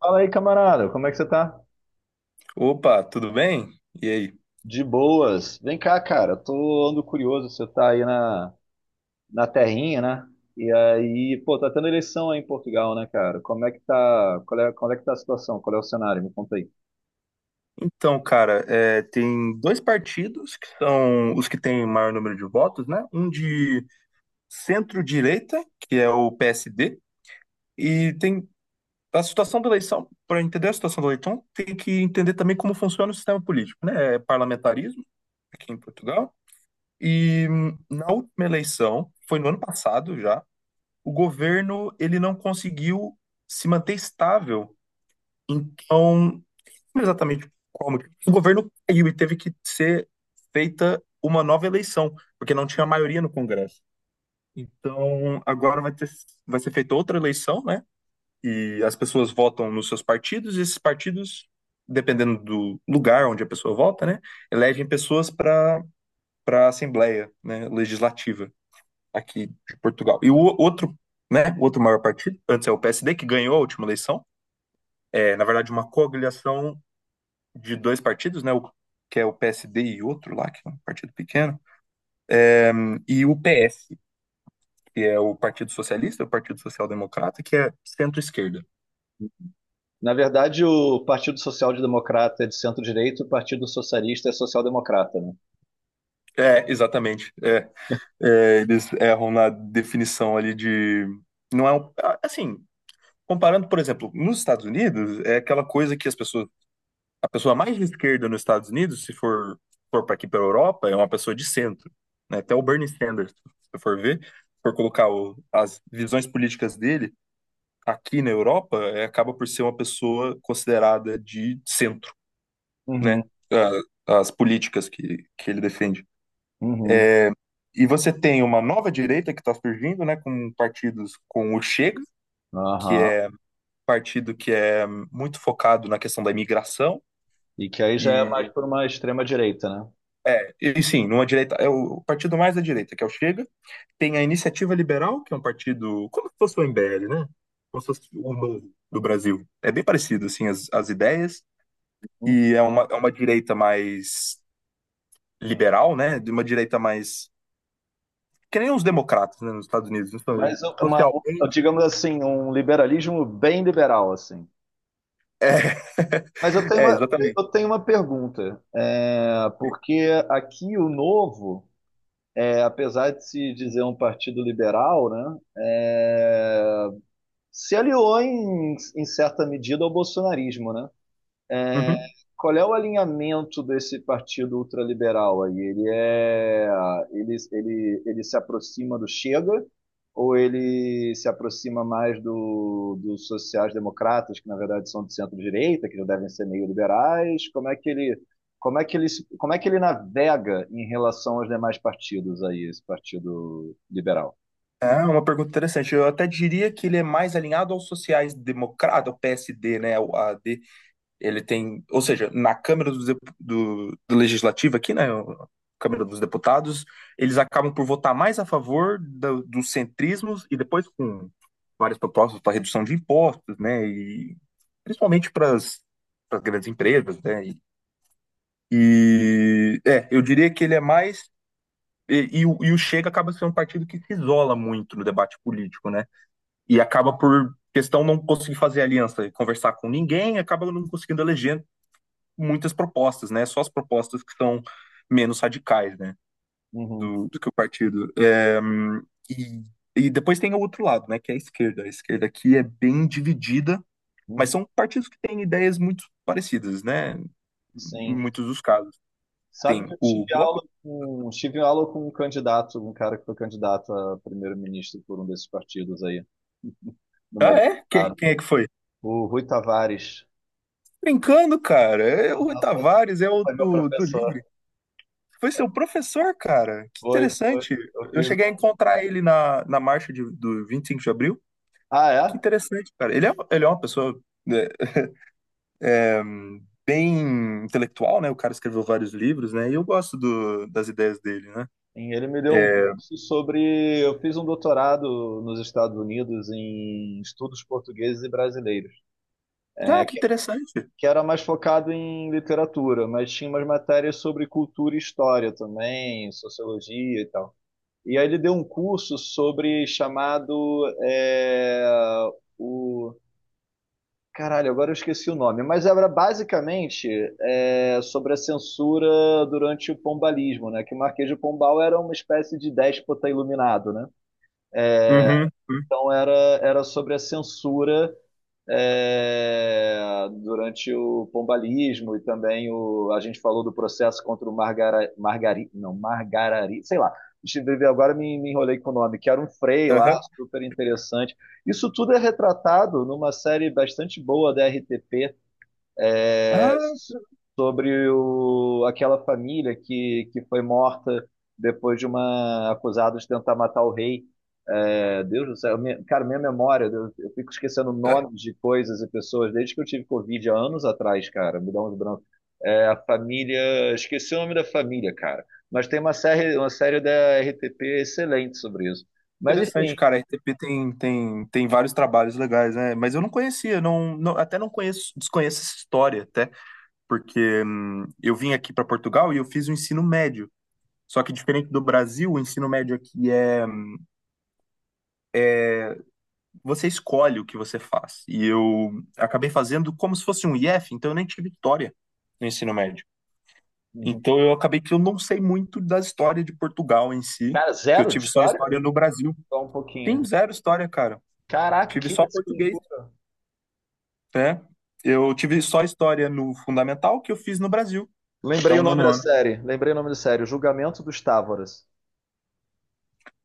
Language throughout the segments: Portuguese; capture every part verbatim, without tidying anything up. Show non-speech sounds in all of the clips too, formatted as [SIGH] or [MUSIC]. Fala aí, camarada, como é que você tá? Opa, tudo bem? E aí? De boas. Vem cá, cara, tô ando curioso, você tá aí na, na terrinha, né? E aí, pô, tá tendo eleição aí em Portugal, né, cara? Como é que tá, qual é, qual é que tá a situação? Qual é o cenário? Me conta aí. Então, cara, é, tem dois partidos que são os que têm maior número de votos, né? Um de centro-direita, que é o P S D, e tem a situação da eleição. Para entender a situação da eleição, tem que entender também como funciona o sistema político, né? É parlamentarismo aqui em Portugal. E hum, na última eleição, foi no ano passado já, o governo ele não conseguiu se manter estável. Então, não exatamente como o governo caiu e teve que ser feita uma nova eleição, porque não tinha maioria no Congresso. Então, agora vai ter, vai ser feita outra eleição, né? E as pessoas votam nos seus partidos, e esses partidos, dependendo do lugar onde a pessoa vota, né, elegem pessoas para para a Assembleia, né, Legislativa aqui de Portugal. E o outro, né, o outro maior partido, antes é o P S D, que ganhou a última eleição, é, na verdade, uma coagulação de dois partidos, né? O, que é o P S D e outro lá, que é um partido pequeno, e o P S, que é o Partido Socialista, o Partido Social Democrata, que é centro-esquerda. Na verdade, o Partido Social Democrata é de centro-direita, o Partido Socialista é social-democrata, né? É, exatamente. É, é, eles erram na definição ali de. Não é um. Assim, comparando, por exemplo, nos Estados Unidos, é aquela coisa que as pessoas. A pessoa mais de esquerda nos Estados Unidos, se for, for para aqui para a Europa, é uma pessoa de centro, né? Até o Bernie Sanders, se for ver, se for colocar o- as visões políticas dele, aqui na Europa é, acaba por ser uma pessoa considerada de centro, Uhum, né? A- As políticas que, que ele defende. uhum. E você tem uma nova direita que está surgindo, né? Com partidos com o Chega, que Aham. é partido que é muito focado na questão da imigração. E que aí já é mais E, por uma extrema-direita, né? é, e sim, numa direita, é o partido mais da direita, que é o Chega. Tem a Iniciativa Liberal, que é um partido como se fosse o M B L, né? Como se fosse o novo do Brasil. É bem parecido, assim, as, as ideias. Hum. E é uma, é uma direita mais liberal, né? De uma direita mais. Que nem os democratas, né, nos Estados Unidos. Então, Mas uma, um- socialmente. Digamos assim, um liberalismo bem liberal, assim. É, Mas eu tenho [LAUGHS] é uma, exatamente. eu tenho uma pergunta, é, porque aqui o Novo, é, apesar de se dizer um partido liberal, né, é, se aliou em, em certa medida ao bolsonarismo, né? É, Uhum. qual é o alinhamento desse partido ultraliberal aí? Ele é, ele, ele, ele se aproxima do Chega ou ele se aproxima mais do, dos sociais-democratas, que na verdade são de centro-direita, que já devem ser meio liberais? Como é que ele, como é que ele, se- Como é que ele navega em relação aos demais partidos aí, esse partido liberal? É uma pergunta interessante. Eu até diria que ele é mais alinhado aos sociais-democratas, ao P S D, né? O A D, ele tem, ou seja, na Câmara dos Dep- do, do Legislativo aqui, né, o- Câmara dos Deputados, eles acabam por votar mais a favor do- dos centrismos e depois com várias propostas para redução de impostos, né, e principalmente para as grandes empresas, né, e, e, é, eu diria que ele é mais e, e o e o Chega acaba sendo um partido que se isola muito no debate político, né? E acaba por questão não conseguir fazer aliança, conversar com ninguém, acaba não conseguindo eleger muitas propostas, né? Só as propostas que são menos radicais, né? Uhum, Do, do que o partido. É, e, e depois tem o outro lado, né? Que é a esquerda. A esquerda aqui é bem dividida, mas uhum. são partidos que têm ideias muito parecidas, né? Em Sim. muitos dos casos. Sabe que Tem eu o tive Bloco. aula com, tive aula com um candidato, um cara que foi candidato a primeiro-ministro por um desses partidos aí, no meu Ah, é? Quem, doutorado. quem é que foi? O Rui Tavares. Brincando, cara. É o Rui Ah, Tavares é o foi meu do, do professor. Livre. Foi seu professor, cara. Que Foi, foi. interessante. Eu Eu fiz cheguei a um... encontrar ele na, na marcha de, do vinte e cinco de abril. Ah, Que é? interessante, cara. Ele é, ele é uma pessoa, né, é, bem intelectual, né? O cara escreveu vários livros, né? E eu gosto do, das ideias dele, né? Sim, ele me deu um É, curso sobre... Eu fiz um doutorado nos Estados Unidos em estudos portugueses e brasileiros, ah, que interessante. que era mais focado em literatura, mas tinha umas matérias sobre cultura e história também, sociologia e tal. E aí ele deu um curso sobre chamado é, o caralho, agora eu esqueci o nome, mas era basicamente é, sobre a censura durante o pombalismo, né? Que o Marquês de Pombal era uma espécie de déspota iluminado, né? Uhum. Uhum, Então era, era sobre a censura é, durante o pombalismo e também o, a gente falou do processo contra o Margara, Margari, não, Margarari, sei lá. Agora me, me enrolei com o nome, que era um Frei lá, aham. super interessante. Isso tudo é retratado numa série bastante boa da R T P, é, Ah, sobre o, aquela família que, que foi morta depois de uma acusada de tentar matar o rei. É, Deus do céu, minha- cara, minha memória, eu, eu fico esquecendo é, nomes de coisas e pessoas desde que eu tive Covid há anos atrás, cara, me dá uns brancos. É, a família, esqueci o nome da família, cara, mas tem uma série, uma série da R T P excelente sobre isso. Mas enfim, interessante, cara. A R T P tem, tem, tem vários trabalhos legais, né? Mas eu não conhecia, não, não- até não conheço, desconheço essa história, até, porque hum, eu vim aqui para Portugal e eu fiz o ensino médio. Só que diferente do Brasil, o ensino médio aqui é você escolhe o que você faz. E eu acabei fazendo como se fosse um I F, então eu nem tive história no ensino médio. uhum. Então eu acabei que eu não sei muito da história de Portugal em si, Cara, porque eu zero de tive só história? história no Brasil. Só um pouquinho. Tem zero história, cara. Caraca, Tive que só isso, que português, né? Eu tive só história no fundamental que eu fiz no Brasil, até lembrei o o nome nono da ano. série. Lembrei o nome da série. O Julgamento dos Távoras.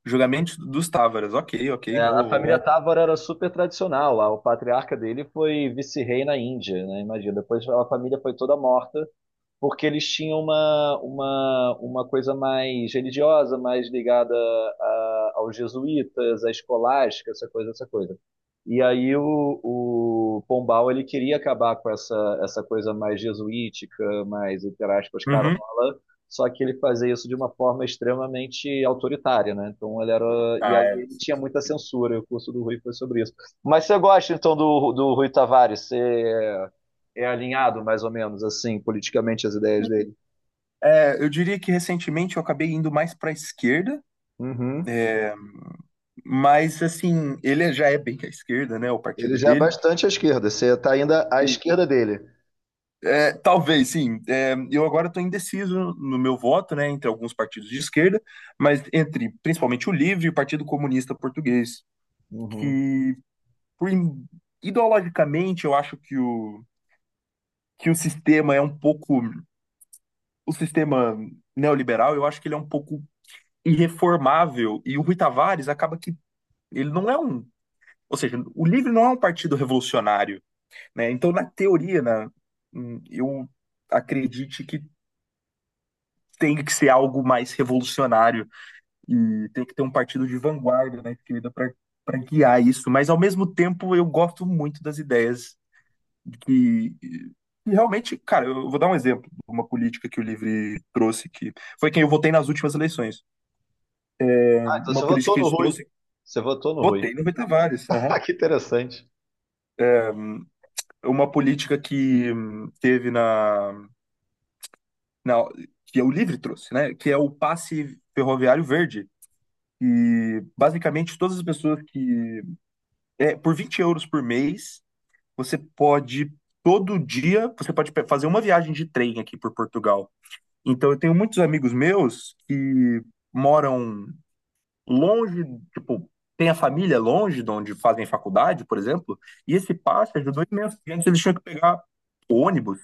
Julgamento dos Távaras. Ok, ok, É, a vou. família vou- Távora era super tradicional lá. O patriarca dele foi vice-rei na Índia, né? Imagina. Depois a família foi toda morta porque eles tinham uma, uma, uma coisa mais religiosa, mais ligada a- aos jesuítas, à escolástica, essa coisa, essa coisa. E aí o, o Pombal ele queria acabar com essa, essa coisa mais jesuítica, mais, entre aspas, carola, Uhum. só que ele fazia isso de uma forma extremamente autoritária, né? Então ele era. E Ah, aí é. ele tinha muita censura, e o curso do Rui foi sobre isso. Mas você gosta então do, do Rui Tavares? Você é alinhado, mais ou menos, assim, politicamente, as ideias dele. É, eu diria que recentemente eu acabei indo mais para a esquerda, Uhum. é, mas, assim, ele já é bem à esquerda, né? O Ele partido já é dele. bastante à esquerda. Você está ainda à esquerda dele. É, talvez, sim. É, eu agora estou indeciso no meu voto, né? Entre alguns partidos de esquerda, mas entre principalmente o LIVRE e o Partido Comunista Português, Uhum. que por ideologicamente eu acho que o, que o sistema é um pouco. O sistema neoliberal, eu acho que ele é um pouco irreformável. E o Rui Tavares acaba que ele não é um. Ou seja, o LIVRE não é um partido revolucionário, né? Então, na teoria, né, hum, eu acredite que tem que ser algo mais revolucionário e tem que ter um partido de vanguarda, né, querida, para para guiar isso. Mas, ao mesmo tempo, eu gosto muito das ideias que, que realmente, cara, eu vou dar um exemplo de uma política que o Livre trouxe, que foi quem eu votei nas últimas eleições. Ah, então você Uma política votou que no eles Rui. trouxe, Você votou no Rui. votei no Betavares. [LAUGHS] Aham. Ah, que interessante. Uma política que hum, teve na Não, que é o Livre trouxe, né? Que é o passe ferroviário verde. E basicamente todas as pessoas que. É, por vinte euros por mês, você pode. Todo dia você pode pe- fazer uma viagem de trem aqui por Portugal. Então eu tenho muitos amigos meus que moram longe, tipo, tem a família longe de onde fazem faculdade, por exemplo, e esse passe ajudou imenso. Porque antes eles tinham que pegar ônibus,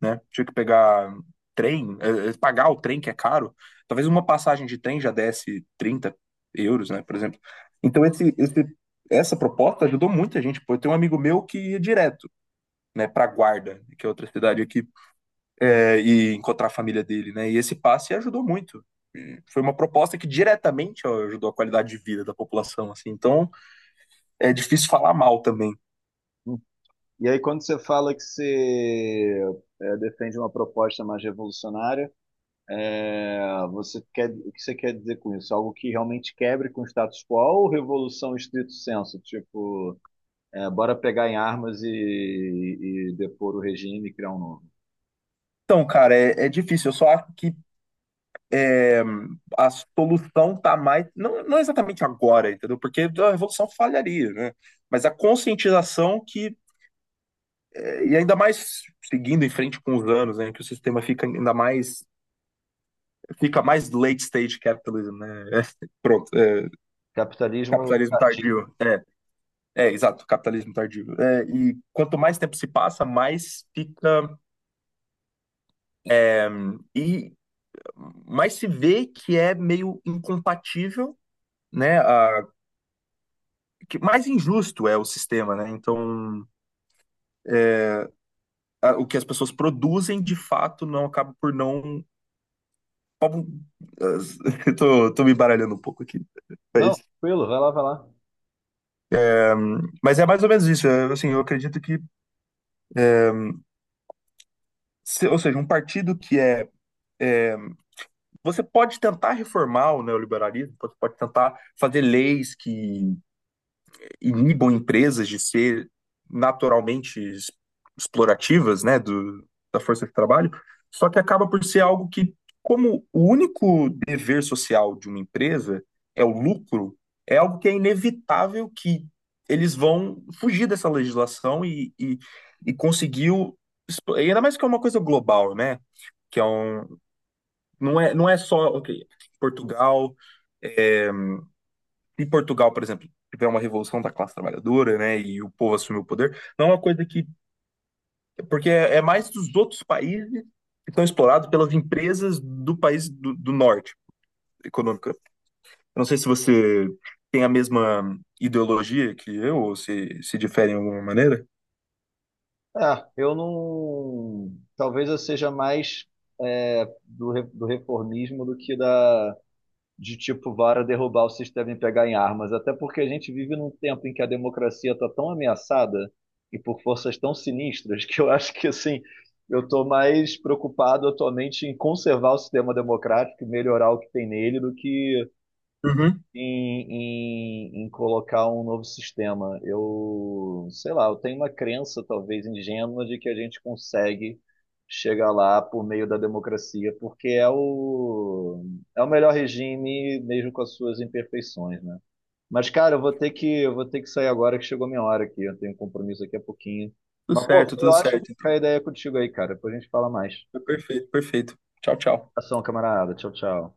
né? Tinha que pegar trem, eh, eh, pagar o trem que é caro. Talvez uma passagem de trem já desse trinta euros, né, por exemplo. Então esse, esse, essa proposta ajudou muita gente. Pô, eu tenho um amigo meu que ia direto, né, para Guarda, que é outra cidade aqui, Uhum. eh, e encontrar a família dele, né? E esse passe ajudou muito. E foi uma proposta que diretamente ó, ajudou a qualidade de vida da população, assim. Então é difícil falar mal também. E aí, quando você fala que você é, defende uma proposta mais revolucionária, é, você quer, o que você quer dizer com isso? Algo que realmente quebre com o status quo ou revolução estrito senso? Tipo, é, bora pegar em armas e, e depor o regime e criar um novo? Então, cara, é, é difícil. Eu só acho que a solução está mais, não, não exatamente agora, entendeu? Porque a revolução falharia, né? Mas a conscientização que, eh, e ainda mais seguindo em frente com os anos, né, que o sistema fica ainda mais, fica mais late stage capitalism, né? É, pronto, é, Capitalismo capitalismo tardio. tardio. É, é, exato, capitalismo tardio. É, e quanto mais tempo se passa, mais fica, e mais se vê que é meio incompatível, né? A, que mais injusto é o sistema, né? Então, a- o que as pessoas produzem de fato não acaba por não. [LAUGHS] as- Eu tô, tô me baralhando um pouco aqui. Não, Mas, tranquilo, vai lá, vai lá. mas é mais ou menos isso. é, Assim, eu acredito que, se- ou seja, um partido que é. Você pode tentar reformar o neoliberalismo, você pode tentar fazer leis que inibam empresas de ser naturalmente explorativas, né, do, da força de trabalho, só que acaba por ser algo que, como o único dever social de uma empresa é o lucro, é algo que é inevitável que eles vão fugir dessa legislação e, e, e conseguir, o- e ainda mais que é uma coisa global, né, que é um, não é, não é só, ok, Portugal, é, em Portugal, por exemplo, tiver uma revolução da classe trabalhadora, né, e o povo assumiu o poder, não é uma coisa que, porque é é mais dos outros países que estão explorados pelas empresas do país do, do norte econômica. Eu não sei se você tem a mesma ideologia que eu, ou se se difere em alguma maneira. É, eu não. Talvez eu seja mais é, do, re- do reformismo do que da de tipo vara derrubar o sistema e pegar em armas. Até porque a gente vive num tempo em que a democracia está tão ameaçada e por forças tão sinistras que eu acho que assim eu estou mais preocupado atualmente em conservar o sistema democrático e melhorar o que tem nele do que Uhum. em, em, em colocar um novo sistema. Eu, sei lá, eu tenho uma crença, talvez ingênua, de que a gente consegue chegar lá por meio da democracia, porque é o, é o melhor regime, mesmo com as suas imperfeições, né? Mas, cara, eu vou ter que, eu vou ter que sair agora, que chegou minha hora aqui. Eu tenho um compromisso daqui a pouquinho. Tudo Mas, pô, certo, eu tudo acho certo. que a ideia é contigo aí, cara. Depois a gente fala mais. Então, perfeito, perfeito. Tchau, tchau. Ação, camarada. Tchau, tchau.